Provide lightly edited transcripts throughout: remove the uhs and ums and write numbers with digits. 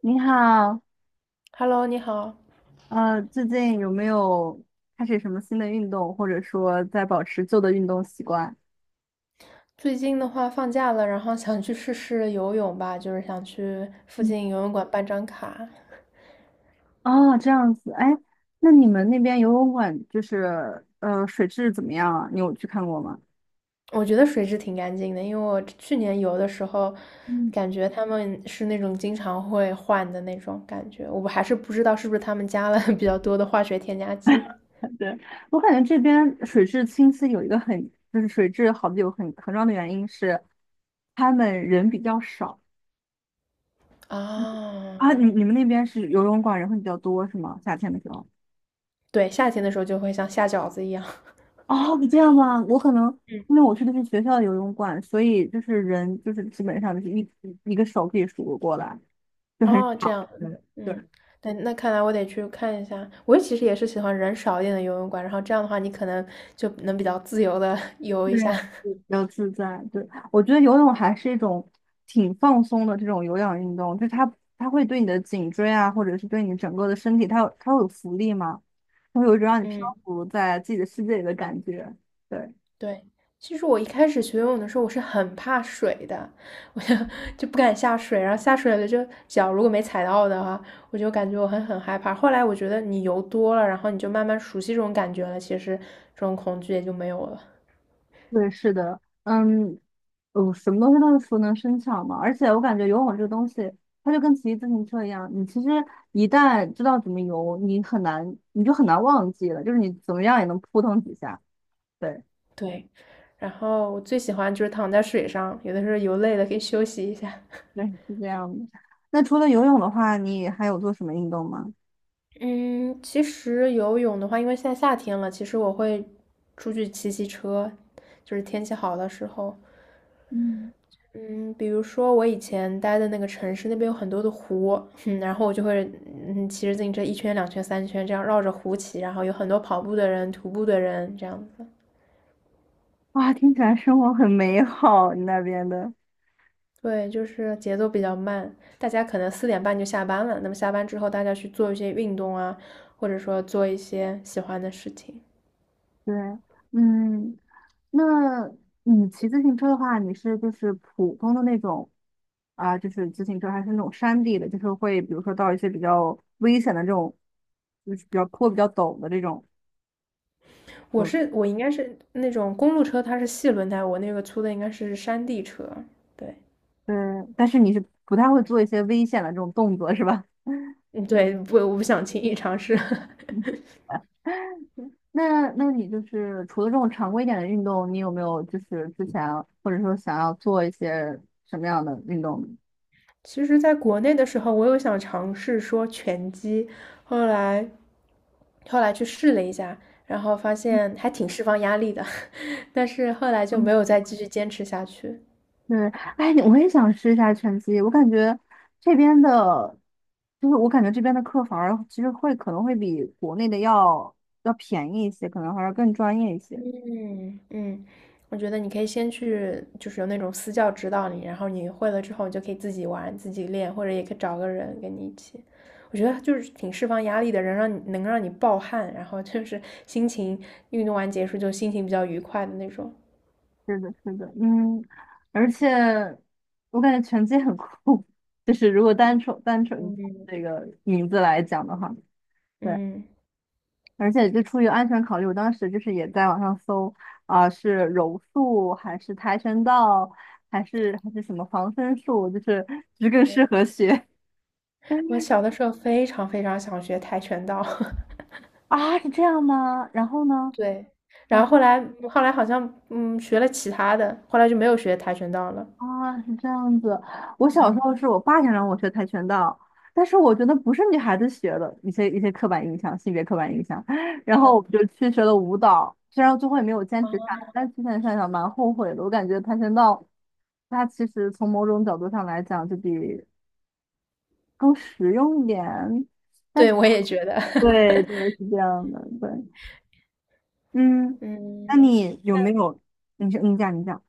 你好，Hello，你好。最近有没有开始什么新的运动，或者说在保持旧的运动习惯？最近的话放假了，然后想去试试游泳吧，就是想去附嗯。近游泳馆办张卡。哦，这样子，哎，那你们那边游泳馆就是水质怎么样啊？你有去看过吗？我觉得水质挺干净的，因为我去年游的时候，嗯，感觉他们是那种经常会换的那种感觉。我还是不知道是不是他们加了 比较多的化学添加剂对，我感觉这边水质清晰有一个就是水质好的有很重要的原因是，他们人比较少。啊。你啊。你们那边是游泳馆人会比较多是吗？夏天的时候？对，夏天的时候就会像下饺子一样。哦，这样吗？我可能嗯。因为我去的是学校的游泳馆，所以就是人就是基本上就是一个手可以数得过来，就很哦，这少。样，对。对，嗯，那看来我得去看一下。我其实也是喜欢人少一点的游泳馆，然后这样的话，你可能就能比较自由的 游一对，下。就比较自在。对，我觉得游泳还是一种挺放松的这种有氧运动，就是它会对你的颈椎啊，或者是对你整个的身体，它会有浮力嘛，它会有一种让你漂嗯，浮在自己的世界里的感觉。对。对。其实我一开始学游泳的时候，我是很怕水的，我就 就不敢下水，然后下水了就脚如果没踩到的话，我就感觉我很害怕。后来我觉得你游多了，然后你就慢慢熟悉这种感觉了，其实这种恐惧也就没有了。对，是的，嗯，什么东西都是熟能生巧嘛。而且我感觉游泳这个东西，它就跟骑自行车一样，你其实一旦知道怎么游，你就很难忘记了，就是你怎么样也能扑腾几下。对，对，然后我最喜欢就是躺在水上，有的时候游累了可以休息一下。对，是这样的。那除了游泳的话，你还有做什么运动吗？嗯，其实游泳的话，因为现在夏天了，其实我会出去骑骑车，就是天气好的时候。嗯，嗯，比如说我以前待的那个城市，那边有很多的湖，嗯，然后我就会骑着自行车一圈、两圈、三圈这样绕着湖骑，然后有很多跑步的人、徒步的人这样子。哇，听起来生活很美好，你那边的。对，就是节奏比较慢，大家可能4:30就下班了。那么下班之后，大家去做一些运动啊，或者说做一些喜欢的事情。对，嗯，那你骑自行车的话，你是就是普通的那种就是自行车，还是那种山地的，就是会比如说到一些比较危险的这种，就是比较坡比较陡的这种，我是 我应该是那种公路车，它是细轮胎，我那个粗的应该是山地车。对，对，但是你是不太会做一些危险的这种动作，是吧？嗯，对，不，我不想轻易尝试。嗯。那那你就是除了这种常规一点的运动，你有没有就是之前或者说想要做一些什么样的运动呢？其实，在国内的时候，我有想尝试说拳击，后来后来去试了一下，然后发现还挺释放压力的，但是后来就没有再继续坚持下去。对，哎，我也想试一下拳击。我感觉这边的，就是我感觉这边的课反而其实会可能会比国内的要便宜一些，可能还要更专业一些。嗯嗯，我觉得你可以先去，就是有那种私教指导你，然后你会了之后，你就可以自己玩、自己练，或者也可以找个人跟你一起。我觉得就是挺释放压力的，人让你能让你暴汗，然后就是心情运动完结束就心情比较愉快的那种。是的，是的，嗯，而且我感觉拳击很酷，就是如果单纯这个名字来讲的话，对。嗯，而且就出于安全考虑，我当时就是也在网上搜是柔术还是跆拳道，还是什么防身术，就是更适合学 我 小的时候非常非常想学跆拳道，啊，是这样吗？然后呢？对，然啊。后后来好像学了其他的，后来就没有学跆拳道了。啊，是这样子。我小时嗯，候是我爸想让我学跆拳道，但是我觉得不是女孩子学的，一些刻板印象，性别刻板印象。然后对，我就去学了舞蹈，虽然最后也没有坚啊，持下来，但之前想想蛮后悔的。我感觉跆拳道，它其实从某种角度上来讲，就比更实用一点。但对，是，我也觉得，对对，是这样的，对，嗯，那嗯。你有没有？你是你讲。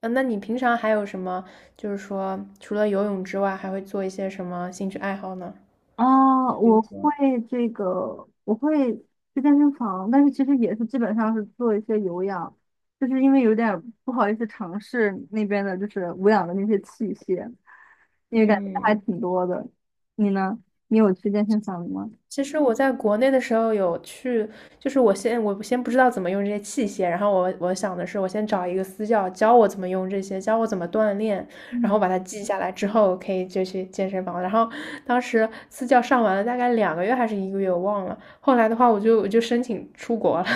嗯，那你平常还有什么，就是说除了游泳之外，还会做一些什么兴趣爱好呢？啊，就比如我会说，我会去健身房，但是其实也是基本上是做一些有氧，就是因为有点儿不好意思尝试那边的，就是无氧的那些器械，因为感觉还嗯，挺多的。你呢？你有去健身房吗？其实我在国内的时候有去，就是我先不知道怎么用这些器械，然后我想的是我先找一个私教教我怎么用这些，教我怎么锻炼，然后嗯，把它记下来之后可以就去健身房。然后当时私教上完了大概2个月还是1个月，我忘了。后来的话我就申请出国了，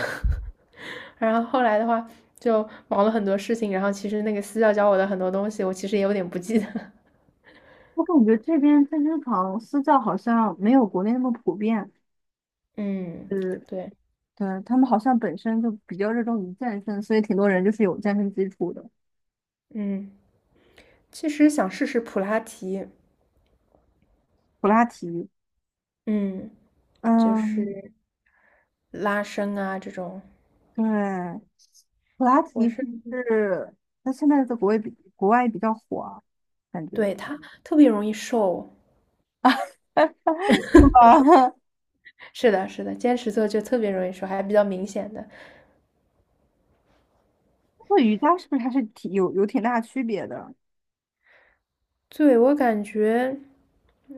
然后后来的话就忙了很多事情，然后其实那个私教教我的很多东西我其实也有点不记得。我感觉这边健身房私教好像没有国内那么普遍，嗯，就是对，对，他们好像本身就比较热衷于健身，所以挺多人就是有健身基础的，嗯，其实想试试普拉提。普拉提。嗯，就嗯，是拉伸啊这种，对，普拉我提是是不是那现在在国外比较火啊？感觉 对它特别容易瘦。是吧？是的，是的，坚持做就特别容易瘦，还比较明显的。那瑜伽是不是还是挺有有挺大区别的？对，我感觉，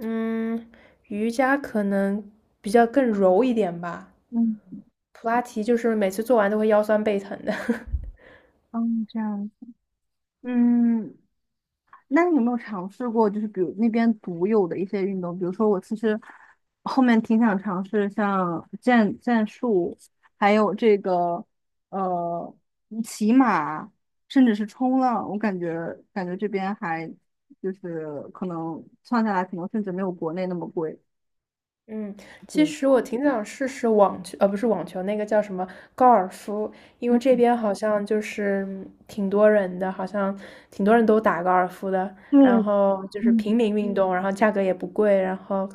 嗯，瑜伽可能比较更柔一点吧，嗯，普拉提就是每次做完都会腰酸背疼的。哦，这样，嗯，那你有没有尝试过，就是比如那边独有的一些运动？比如说，我其实后面挺想尝试像剑术，还有这个呃骑马，甚至是冲浪。我感觉这边还就是可能算下来，可能甚至没有国内那么贵。嗯，其对，实我挺想试试网球，不是网球，那个叫什么高尔夫，因为这嗯，边好像就是挺多人的，好像挺多人都打高尔夫的，对，然后就是平嗯。民运动，然后价格也不贵，然后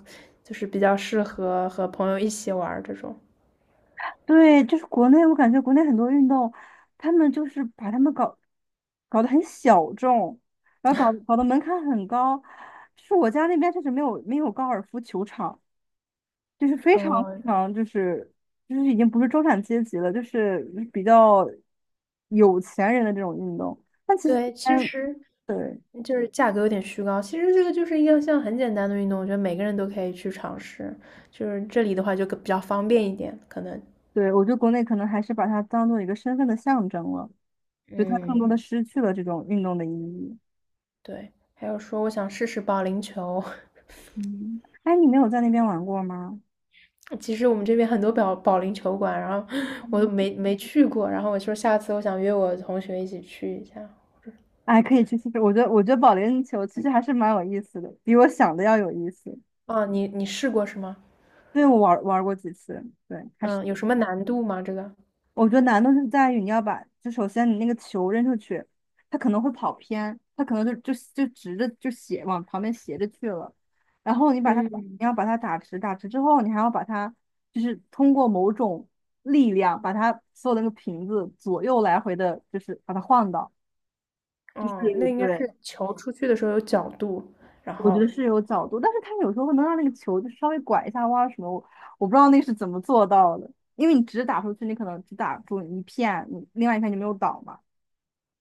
就是比较适合和朋友一起玩儿这种。对，就是国内，我感觉国内很多运动，他们就是把他们搞得很小众，然后搞得门槛很高。就是我家那边确实没有高尔夫球场，就是非常非嗯，常就是就是已经不是中产阶级了，就是比较有钱人的这种运动。但其实这对，其边，实对就是价格有点虚高，其实这个就是一个像很简单的运动，我觉得每个人都可以去尝试，就是这里的话就更比较方便一点，可能，对，我觉得国内可能还是把它当做一个身份的象征了，就它更多嗯。的失去了这种运动的意义。对，还有说我想试试保龄球，嗯，哎，你没有在那边玩过吗？其实我们这边很多保龄球馆，然后我都没去过，然后我说下次我想约我同学一起去一下。哎，可以去试试。我觉得保龄球其实还是蛮有意思的，比我想的要有意思。啊，你试过是吗？对，我玩过几次，对，还是嗯，有什么难度吗？这个？我觉得难度是在于你要把，就首先你那个球扔出去，它可能会跑偏，它可能就直着就斜往旁边斜着去了，然后你把它打嗯，你要把它打直，打直之后，你还要把它就是通过某种力量把它所有的那个瓶子左右来回的，就是把它晃到，就哦，是那应该对。是球出去的时候有角度，然我觉后得是有角度，但是他有时候会能让那个球就稍微拐一下弯儿什么，我不知道那是怎么做到的，因为你只打出去，你可能只打中一片，你另外一片就没有倒嘛。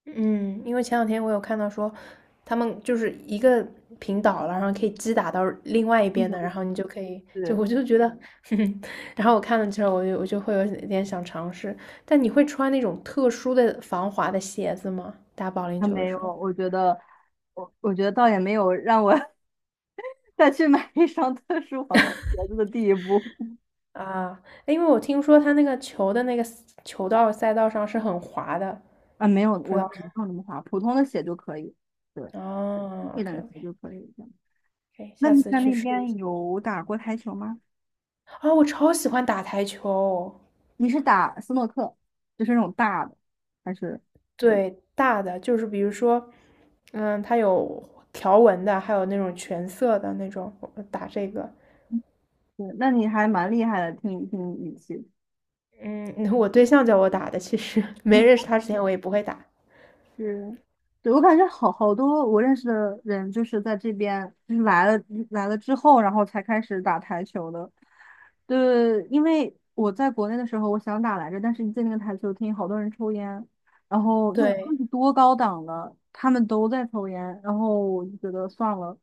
嗯，因为前两天我有看到说，他们就是一个平倒了，然后可以击打到另外一边的，嗯。然后你就可以，就就是我就觉得，哼，然后我看了之后，我就会有点想尝试。但你会穿那种特殊的防滑的鞋子吗？打保龄他球的没有，时候我觉得倒也没有让我 再去买一双特殊防滑鞋子的地步。啊，因为我听说他那个球的那个球道赛道上是很滑的，啊，没有，不知我道没有那么滑，普通的鞋就可以，对，哦贵点，OK 的 OK，鞋就可以这样。可以，那下你次在去那试一边下。有打过台球吗？啊，我超喜欢打台球。你是打斯诺克，就是那种大的，还是？对，大的就是比如说，嗯，它有条纹的，还有那种全色的那种，我打这个。对，那你还蛮厉害的，听听语气，嗯，我对象叫我打的，其实 嗯，没认识他之前我也不会打。是，对，我感觉好好多我认识的人就是在这边，就是来了之后，然后才开始打台球的。对，因为我在国内的时候，我想打来着，但是一进那个台球厅，好多人抽烟，然后又科对技多高档的，他们都在抽烟，然后我就觉得算了。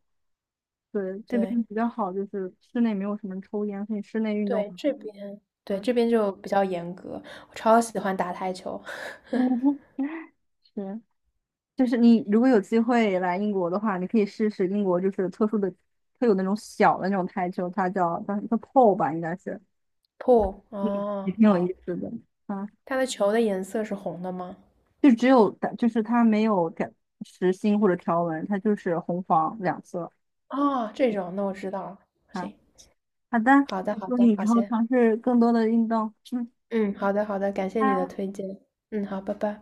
对，这对边比较好，就是室内没有什么抽烟，所以室内运动对，很多。这边对对，这边就比较严格，我超喜欢打台球。是。就是你如果有机会来英国的话，你可以试试英国就是特殊的、特有那种小的那种台球，它叫 pole 吧，应该是，pool 嗯。也哦，挺有意好，思的。啊，它的球的颜色是红的吗？就只有就是它没有改实心或者条纹，它就是红黄两色。哦，这种，那我知道了。啊，行，好的，好的好祝你的，好以后些，尝试更多的运动。嗯，嗯，好的好的，感谢你的拜。推荐。嗯，好，拜拜。